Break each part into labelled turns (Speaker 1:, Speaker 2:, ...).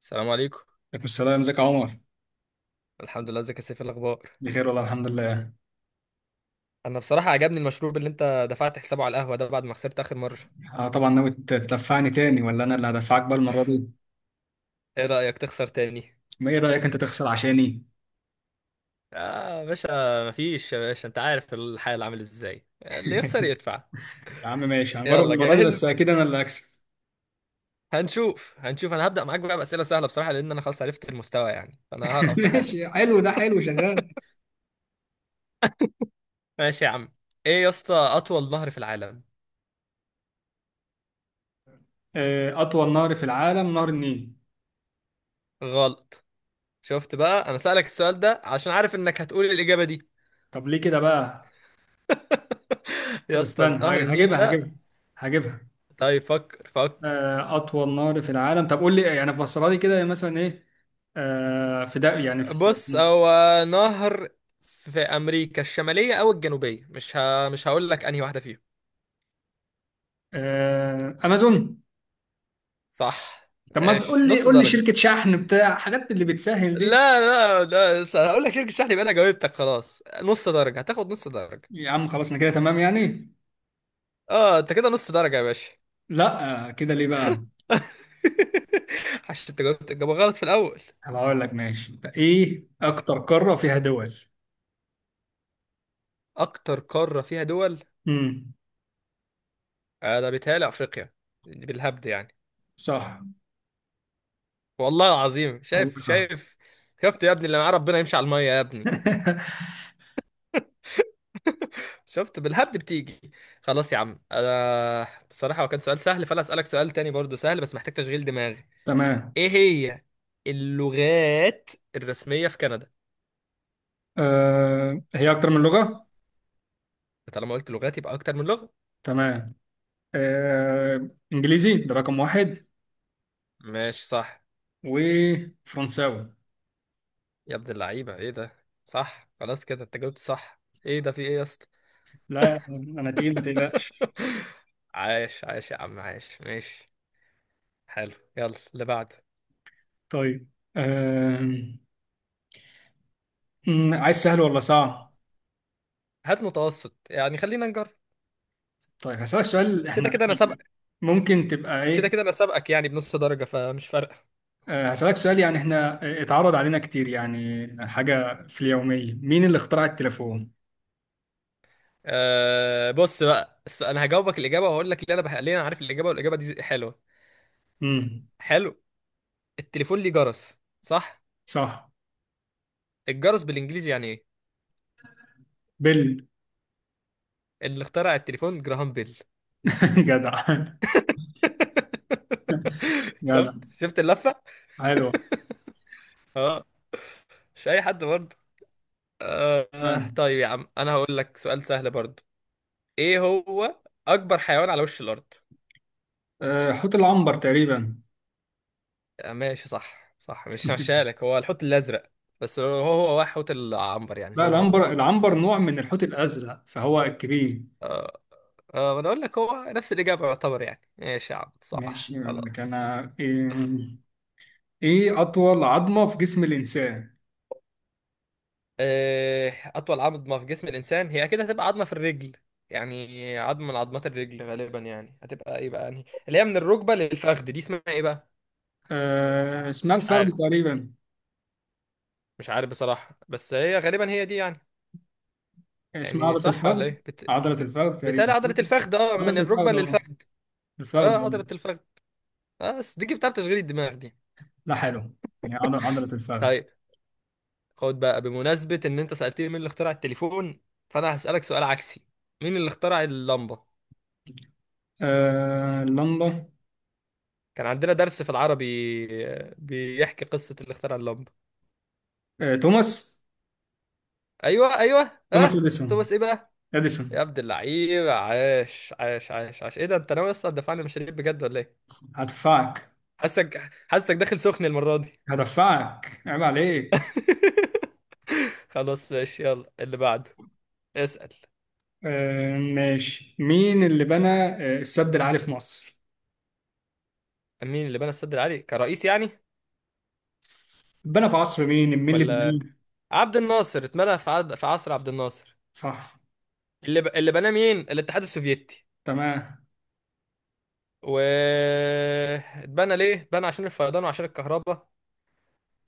Speaker 1: السلام عليكم.
Speaker 2: عليكم السلام، ازيك يا عمر؟
Speaker 1: الحمد لله، ازيك يا سيف؟ إيه الاخبار؟
Speaker 2: بخير والله، الحمد لله.
Speaker 1: انا بصراحه عجبني المشروب اللي انت دفعت حسابه على القهوه ده بعد ما خسرت اخر مره.
Speaker 2: طبعا، ناوي تدفعني تاني ولا انا اللي هدفعك بقى المره دي؟
Speaker 1: ايه رايك تخسر تاني؟
Speaker 2: ما ايه رايك انت تخسر عشاني؟
Speaker 1: اه يا باشا. مفيش يا باشا، انت عارف الحال عامل ازاي، اللي يخسر يدفع.
Speaker 2: يا عم ماشي، هنجرب
Speaker 1: يلا
Speaker 2: المره دي بس
Speaker 1: جاهز؟
Speaker 2: اكيد انا اللي هكسب.
Speaker 1: هنشوف هنشوف، انا هبدا معاك بقى باسئله سهله بصراحه لان انا خلاص عرفت المستوى يعني، فانا هرقف
Speaker 2: ماشي،
Speaker 1: بحالك.
Speaker 2: حلو ده حلو شغال.
Speaker 1: ماشي يا عم. ايه يا اسطى اطول نهر في العالم؟
Speaker 2: اطول نهر في العالم نهر النيل.
Speaker 1: غلط. شفت بقى، انا سألك السؤال ده عشان عارف انك هتقول الاجابه دي.
Speaker 2: طب ليه كده بقى؟ طب
Speaker 1: يا اسطى
Speaker 2: استنى،
Speaker 1: نهر النيل ده.
Speaker 2: هجيبها.
Speaker 1: طيب فكر فكر.
Speaker 2: اطول نهر في العالم، طب قول لي يعني فسرها لي كده مثلا ايه؟ في ده، يعني في.
Speaker 1: بص، هو نهر في امريكا الشماليه او الجنوبيه، مش هقول لك انهي واحده فيهم.
Speaker 2: امازون.
Speaker 1: صح.
Speaker 2: طب ما
Speaker 1: ماشي
Speaker 2: تقول لي،
Speaker 1: نص
Speaker 2: قول لي
Speaker 1: درجه.
Speaker 2: شركة شحن بتاع حاجات اللي بتسهل دي.
Speaker 1: لا لا لا، هقول لك شركه شحن يبقى انا جاوبتك، خلاص نص درجه، هتاخد نص درجه.
Speaker 2: يا عم خلاص، انا كده تمام يعني.
Speaker 1: اه انت كده نص درجه يا باشا.
Speaker 2: لا، كده ليه بقى؟
Speaker 1: عشان انت جاوبت الجواب غلط في الاول.
Speaker 2: هبقى اقول لك ماشي، ايه اكتر قارة فيها دول؟
Speaker 1: اكتر قاره فيها دول.
Speaker 2: امم.
Speaker 1: ده بيتهيألي افريقيا. بالهبد يعني.
Speaker 2: صح.
Speaker 1: والله العظيم
Speaker 2: والله
Speaker 1: شايف
Speaker 2: صح.
Speaker 1: شايف. شفت يا ابني، اللي معاه ربنا يمشي على الميه يا ابني. شفت بالهبد بتيجي. خلاص يا عم، انا بصراحة هو كان سؤال سهل، فانا اسألك سؤال تاني برضو سهل بس محتاج تشغيل دماغي.
Speaker 2: تمام.
Speaker 1: ايه هي اللغات الرسمية في كندا؟
Speaker 2: هي اكتر من لغة.
Speaker 1: طالما قلت لغات يبقى اكتر من لغة.
Speaker 2: تمام. انجليزي ده رقم واحد.
Speaker 1: ماشي صح.
Speaker 2: وفرنساوي.
Speaker 1: يا ابن اللعيبة، ايه ده صح، خلاص كده انت جاوبت صح، ايه ده في ايه يا اسطى؟
Speaker 2: لا انا تقيل، ما تقلقش.
Speaker 1: عايش عايش يا عم، عايش ماشي. حلو يلا اللي بعده.
Speaker 2: طيب. آه. عايز سهل ولا صعب؟
Speaker 1: هات متوسط يعني، خلينا نجرب.
Speaker 2: طيب هسألك سؤال
Speaker 1: كده
Speaker 2: احنا.
Speaker 1: كده انا سابقك.
Speaker 2: ممكن تبقى
Speaker 1: كده
Speaker 2: ايه.
Speaker 1: كده انا سابقك يعني بنص درجة، فمش فارقة.
Speaker 2: هسألك سؤال يعني احنا اتعرض علينا كتير، يعني حاجة في اليومية، مين اللي اخترع التليفون؟
Speaker 1: أه بص بقى، انا هجاوبك الاجابه، وهقول لك اللي انا ليه انا عارف الاجابه، والاجابه دي حلوه.
Speaker 2: امم.
Speaker 1: حلو. التليفون ليه جرس، صح؟
Speaker 2: صح.
Speaker 1: الجرس بالانجليزي يعني ايه؟
Speaker 2: بيل.
Speaker 1: اللي اخترع التليفون جراهام بيل.
Speaker 2: جدع.
Speaker 1: شفت
Speaker 2: جدع.
Speaker 1: شفت اللفه.
Speaker 2: حلو.
Speaker 1: اه. مش اي حد برضه.
Speaker 2: تمام.
Speaker 1: طيب يا عم انا هقول لك سؤال سهل برضه. ايه هو اكبر حيوان على وش الارض؟
Speaker 2: حوت العنبر تقريبا.
Speaker 1: ماشي صح صح، مش هشالك، هو الحوت الازرق. بس هو حوت العنبر يعني،
Speaker 2: لا،
Speaker 1: هو هو.
Speaker 2: العنبر، العنبر نوع من الحوت الأزرق، فهو الكبير.
Speaker 1: آه، ما انا اقول لك هو نفس الاجابه يعتبر يعني، ايش يا عم صح
Speaker 2: ماشي يقول لك
Speaker 1: خلاص.
Speaker 2: انا ايه. إيه أطول عظمة في جسم الإنسان؟
Speaker 1: اطول عظمه في جسم الانسان هي اكيد هتبقى عظمه في الرجل. يعني عظمه من عظمات الرجل غالبا، يعني هتبقى ايه بقى، يعني اللي هي من الركبه للفخذ دي اسمها ايه بقى؟
Speaker 2: اسمها
Speaker 1: مش
Speaker 2: الفخذ
Speaker 1: عارف.
Speaker 2: تقريبا.
Speaker 1: مش عارف بصراحه، بس هي غالبا هي دي يعني.
Speaker 2: اسمها
Speaker 1: يعني
Speaker 2: عضلة
Speaker 1: صح ولا
Speaker 2: الفخذ.
Speaker 1: ايه
Speaker 2: عضلة الفخذ
Speaker 1: بتالي
Speaker 2: تقريبا.
Speaker 1: عضله الفخذ اه، من
Speaker 2: عضلة
Speaker 1: الركبه
Speaker 2: الفخذ اه.
Speaker 1: للفخذ. اه
Speaker 2: الفخذ آه.
Speaker 1: عضله الفخذ. اه بس دي جبتها بتشغيل الدماغ دي.
Speaker 2: لا، حلو. يعني عضلة الفخذ.
Speaker 1: طيب. خد بقى، بمناسبة ان انت سألتني مين اللي اخترع التليفون، فانا هسألك سؤال عكسي. مين اللي اخترع اللمبة؟
Speaker 2: اللمبة.
Speaker 1: كان عندنا درس في العربي، بيحكي قصة اللي اخترع اللمبة.
Speaker 2: توماس.
Speaker 1: ايوه ايوه
Speaker 2: توماس
Speaker 1: اه
Speaker 2: اديسون.
Speaker 1: توماس ايه بقى؟ يا
Speaker 2: اديسون.
Speaker 1: عبد اللعيب، عاش عاش عاش عاش، ايه ده، انت ناوي اصلا تدفعني مشاريع بجد ولا ايه؟
Speaker 2: هدفعك.
Speaker 1: حاسك حاسك داخل سخن المرة دي.
Speaker 2: هدفعك، عيب عليك.
Speaker 1: خلاص ماشي، يلا اللي بعده. اسأل.
Speaker 2: ماشي، مين اللي بنى السد العالي في مصر؟
Speaker 1: مين اللي بنى السد العالي كرئيس يعني؟
Speaker 2: بنى في عصر مين؟ مين اللي بناه؟
Speaker 1: ولا عبد الناصر، اتمنى في عصر عبد الناصر.
Speaker 2: صح.
Speaker 1: اللي بناه مين؟ الاتحاد السوفيتي.
Speaker 2: تمام.
Speaker 1: و، اتبنى ليه؟ اتبنى عشان الفيضان وعشان الكهرباء.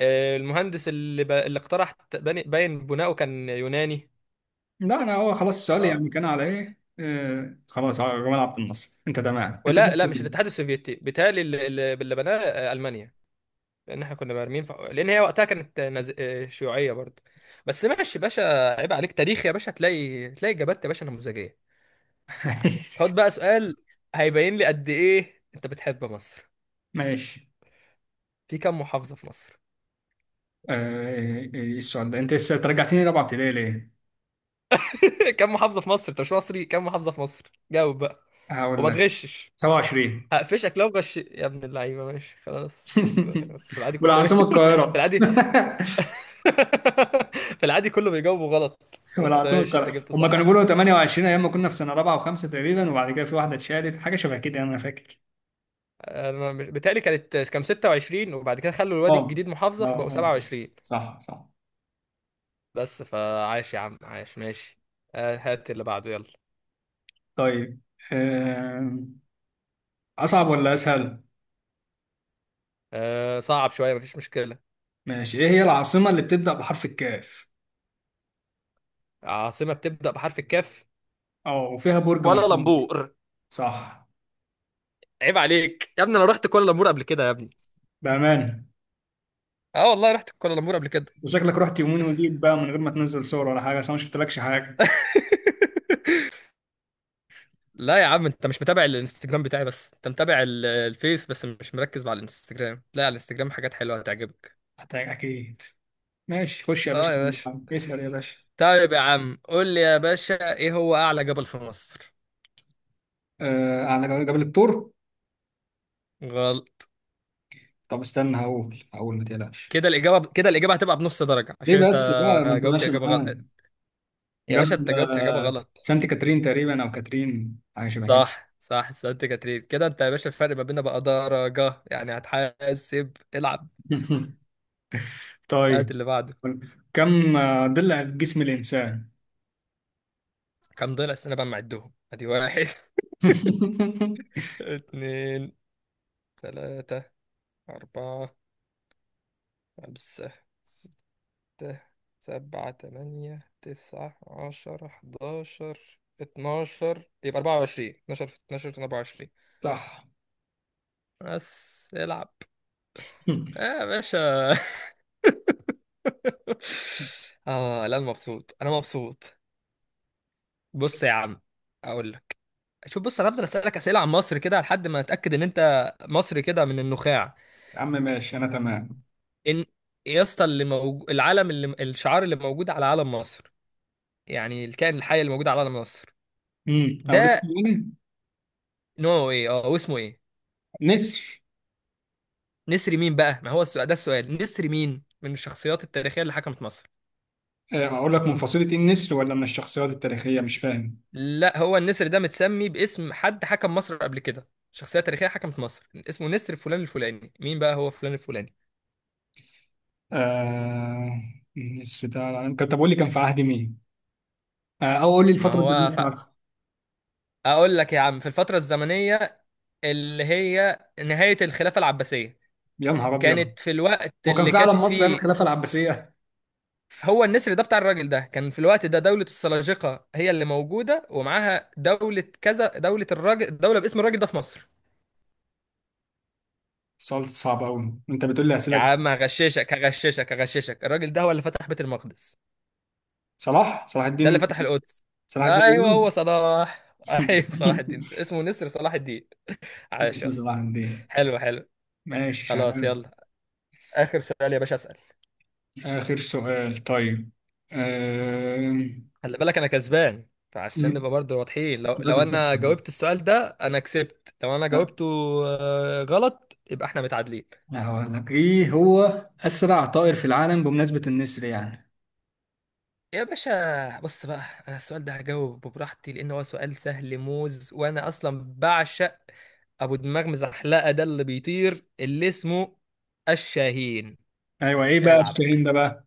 Speaker 1: المهندس اللي اقترح باين بناؤه كان يوناني.
Speaker 2: لا، انا هو خلاص السؤال
Speaker 1: اه.
Speaker 2: يعني كان على ايه، خلاص على جمال عبد الناصر، انت تمام انت زي
Speaker 1: ولا لا، مش
Speaker 2: الفل.
Speaker 1: الاتحاد السوفيتي بيتهيألي اللي بناه، المانيا. لان احنا كنا مرمين لان هي وقتها كانت نز... آه، شيوعيه برضه. بس ماشي يا باشا، عيب عليك تاريخ يا باشا، هتلاقي هتلاقي اجابات يا باشا نموذجيه. خد بقى سؤال هيبين لي قد ايه انت بتحب مصر.
Speaker 2: ماشي.
Speaker 1: في كم محافظه في مصر؟
Speaker 2: إيه السؤال ده؟ انت لسه ترجعتني رابعه ابتدائي ليه؟
Speaker 1: كم محافظة في مصر؟ انت مش مصري؟ كم محافظة في مصر؟ جاوب بقى.
Speaker 2: هقول
Speaker 1: وما
Speaker 2: لك.
Speaker 1: تغشش.
Speaker 2: 27.
Speaker 1: هقفشك لو غش يا ابن اللعيبة. ماشي خلاص، بس بس في العادي كله.
Speaker 2: والعاصمة
Speaker 1: في
Speaker 2: القاهرة.
Speaker 1: العادي. في العادي كله بيجاوبوا غلط. بس
Speaker 2: والعاصمة
Speaker 1: ماشي انت
Speaker 2: القاهرة،
Speaker 1: جبت
Speaker 2: هم
Speaker 1: صح.
Speaker 2: كانوا بيقولوا 28، ايام ما كنا في سنة رابعة وخمسة تقريبا، وبعد كده في واحدة اتشالت، حاجة شبه كده يعني، انا فاكر.
Speaker 1: انا مش بيتهيألي كانت كام، 26 وبعد كده خلوا الوادي
Speaker 2: اه.
Speaker 1: الجديد
Speaker 2: اه
Speaker 1: محافظة فبقوا
Speaker 2: اه.
Speaker 1: 27.
Speaker 2: صح صح.
Speaker 1: بس فعاش يا عم عاش ماشي. هات اللي بعده يلا.
Speaker 2: طيب. آم، اصعب ولا اسهل؟
Speaker 1: صعب شوية مفيش مشكلة.
Speaker 2: ماشي، ايه هي العاصمة اللي بتبدأ بحرف الكاف؟
Speaker 1: عاصمة بتبدأ بحرف الكاف.
Speaker 2: اه، وفيها برج مشهور.
Speaker 1: كوالالمبور.
Speaker 2: صح.
Speaker 1: عيب عليك يا ابني، انا رحت كوالالمبور قبل كده يا ابني.
Speaker 2: بأمان.
Speaker 1: اه والله رحت كوالالمبور قبل كده.
Speaker 2: شكلك رحت يمين وجيت بقى من غير ما تنزل صور ولا حاجة، عشان ما شفتلكش حاجة.
Speaker 1: لا يا عم، انت مش متابع الانستجرام بتاعي، بس انت متابع الفيس، بس مش مركز مع الانستجرام، لا، على الانستجرام حاجات حلوة هتعجبك.
Speaker 2: اكيد. ماشي خش يا باشا.
Speaker 1: اه يا باشا.
Speaker 2: اسأل يا باشا.
Speaker 1: طيب يا عم، قول لي يا باشا ايه هو اعلى جبل في مصر؟
Speaker 2: على جبل الطور.
Speaker 1: غلط.
Speaker 2: طب استنى، هقول، ما تقلقش.
Speaker 1: كده الاجابة، كده الاجابة هتبقى بنص درجة،
Speaker 2: ليه
Speaker 1: عشان انت
Speaker 2: بس بقى؟ ما انت
Speaker 1: جاوبت
Speaker 2: ماشي
Speaker 1: اجابة غلط.
Speaker 2: معاه.
Speaker 1: يا باشا انت
Speaker 2: جبل
Speaker 1: جاوبت اجابة غلط.
Speaker 2: سانت كاترين تقريبا، او كاترين، حاجه شبه كده.
Speaker 1: صح صح سانت كاترين، كده انت يا باشا الفرق ما بيننا بقى درجة يعني، هتحاسب العب. هات
Speaker 2: طيب.
Speaker 1: اللي بعده.
Speaker 2: كم ضلع في جسم الانسان؟
Speaker 1: كم ضلع السنة بقى معدهم، ادي واحد، اتنين، تلاتة، أربعة، خمسة، ستة، سبعة، تمانية، تسعة، عشرة، حداشر، اتناشر، يبقى أربعة وعشرين، اتناشر في اتناشر في أربعة وعشرين.
Speaker 2: صح.
Speaker 1: بس العب. آه يا باشا. آه لا، أنا مبسوط أنا مبسوط. بص يا عم، أقول لك، شوف، بص، أنا هفضل أسألك أسئلة عن مصر كده لحد ما أتأكد إن أنت مصري كده من النخاع.
Speaker 2: يا عم ماشي، انا تمام.
Speaker 1: إن. يا اسطى، اللي موجود العلم، اللي الشعار اللي موجود على علم مصر، يعني الكائن الحي الموجود على قلم مصر
Speaker 2: اقول لك
Speaker 1: ده
Speaker 2: اسمه ايه.
Speaker 1: نوعه ايه، اه واسمه ايه؟
Speaker 2: نسر.
Speaker 1: نسر مين بقى، ما هو السؤال ده، السؤال نسر مين من الشخصيات التاريخية اللي حكمت مصر.
Speaker 2: اقول لك من فصيلة ايه النسر، ولا من الشخصيات التاريخية؟ مش فاهم.
Speaker 1: لا هو النسر ده متسمي باسم حد حكم مصر قبل كده، شخصية تاريخية حكمت مصر اسمه نسر فلان الفلاني، مين بقى هو فلان الفلاني؟
Speaker 2: آه... النسر ده كان، طب قول لي، كان في عهد مين؟ او قول لي
Speaker 1: ما
Speaker 2: الفترة
Speaker 1: هو
Speaker 2: الزمنية بتاعته.
Speaker 1: اقول لك يا عم في الفترة الزمنية اللي هي نهاية الخلافة العباسية،
Speaker 2: يا نهار ابيض.
Speaker 1: كانت في الوقت
Speaker 2: وكان
Speaker 1: اللي
Speaker 2: فعلا
Speaker 1: كانت
Speaker 2: مصر ايام
Speaker 1: فيه.
Speaker 2: الخلافه العباسيه.
Speaker 1: هو النسر ده بتاع الراجل ده كان في الوقت ده دولة السلاجقة هي اللي موجودة، ومعاها دولة كذا، دولة الراجل، دولة باسم الراجل ده في مصر.
Speaker 2: السؤال صعب قوي، انت بتقول لي
Speaker 1: يا
Speaker 2: اسئله كتير.
Speaker 1: عم هغششك هغششك هغششك، الراجل ده هو اللي فتح بيت المقدس.
Speaker 2: صلاح
Speaker 1: ده اللي
Speaker 2: الدين.
Speaker 1: فتح القدس.
Speaker 2: صلاح الدين
Speaker 1: ايوه
Speaker 2: الايوبي.
Speaker 1: هو صلاح، ايوه صلاح الدين، اسمه نسر صلاح الدين. عاش يا
Speaker 2: بص
Speaker 1: اسطى.
Speaker 2: صلاح الدين.
Speaker 1: حلو حلو.
Speaker 2: ماشي
Speaker 1: خلاص
Speaker 2: شغال.
Speaker 1: يلا. اخر سؤال يا باشا، اسال.
Speaker 2: اخر سؤال، طيب. آم،
Speaker 1: خلي بالك انا كسبان، فعشان
Speaker 2: م-
Speaker 1: نبقى برضه واضحين، لو
Speaker 2: لازم
Speaker 1: انا
Speaker 2: تخسر بقى؟
Speaker 1: جاوبت السؤال ده انا كسبت، لو انا جاوبته غلط يبقى احنا متعادلين.
Speaker 2: لا، هقول لك ايه هو. اسرع طائر في العالم، بمناسبه النسر يعني.
Speaker 1: يا باشا بص بقى، انا السؤال ده هجاوب براحتي لان هو سؤال سهل موز، وانا اصلا بعشق ابو دماغ مزحلقه ده اللي بيطير اللي اسمه الشاهين.
Speaker 2: ايوه، ايه بقى
Speaker 1: العب.
Speaker 2: الشاهين ده بقى؟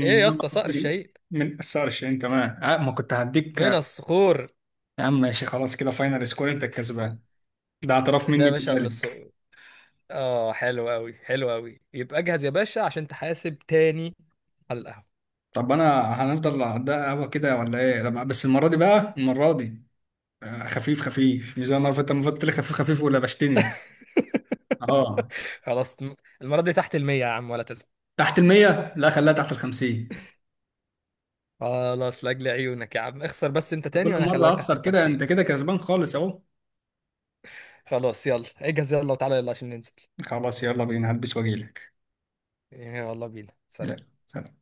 Speaker 1: ايه يا اسطى صقر
Speaker 2: من
Speaker 1: الشاهين.
Speaker 2: من الصقر الشاهين، تمام. ما كنت هديك.
Speaker 1: من الصخور.
Speaker 2: يا عم ماشي، خلاص كده فاينل سكور، انت الكسبان. ده اعتراف
Speaker 1: ده يا
Speaker 2: مني
Speaker 1: باشا من
Speaker 2: بذلك.
Speaker 1: الصقور. اه حلو قوي حلو قوي، يبقى اجهز يا باشا عشان تحاسب تاني على القهوه.
Speaker 2: طب انا هنفضل على ده قهوه كده ولا ايه، لما بس المره دي بقى المره دي. خفيف خفيف، مش زي المره اللي فاتت، المره اللي فاتت لي خفيف خفيف، ولا بشتني؟ اه.
Speaker 1: خلاص. المره دي تحت المية يا عم ولا تزعل.
Speaker 2: تحت المية، لا خليها تحت الخمسين.
Speaker 1: خلاص لاجل عيونك يا عم، اخسر بس انت
Speaker 2: كل
Speaker 1: تاني وانا
Speaker 2: مرة
Speaker 1: هخليك تحت
Speaker 2: أخسر كده
Speaker 1: الخمسين.
Speaker 2: أنت كده كسبان خالص أهو.
Speaker 1: خلاص يلا اجهز يلا وتعالى يلا عشان ننزل.
Speaker 2: خلاص يلا بينا، هلبس وأجيلك.
Speaker 1: يلا بينا سلام.
Speaker 2: يلا سلام.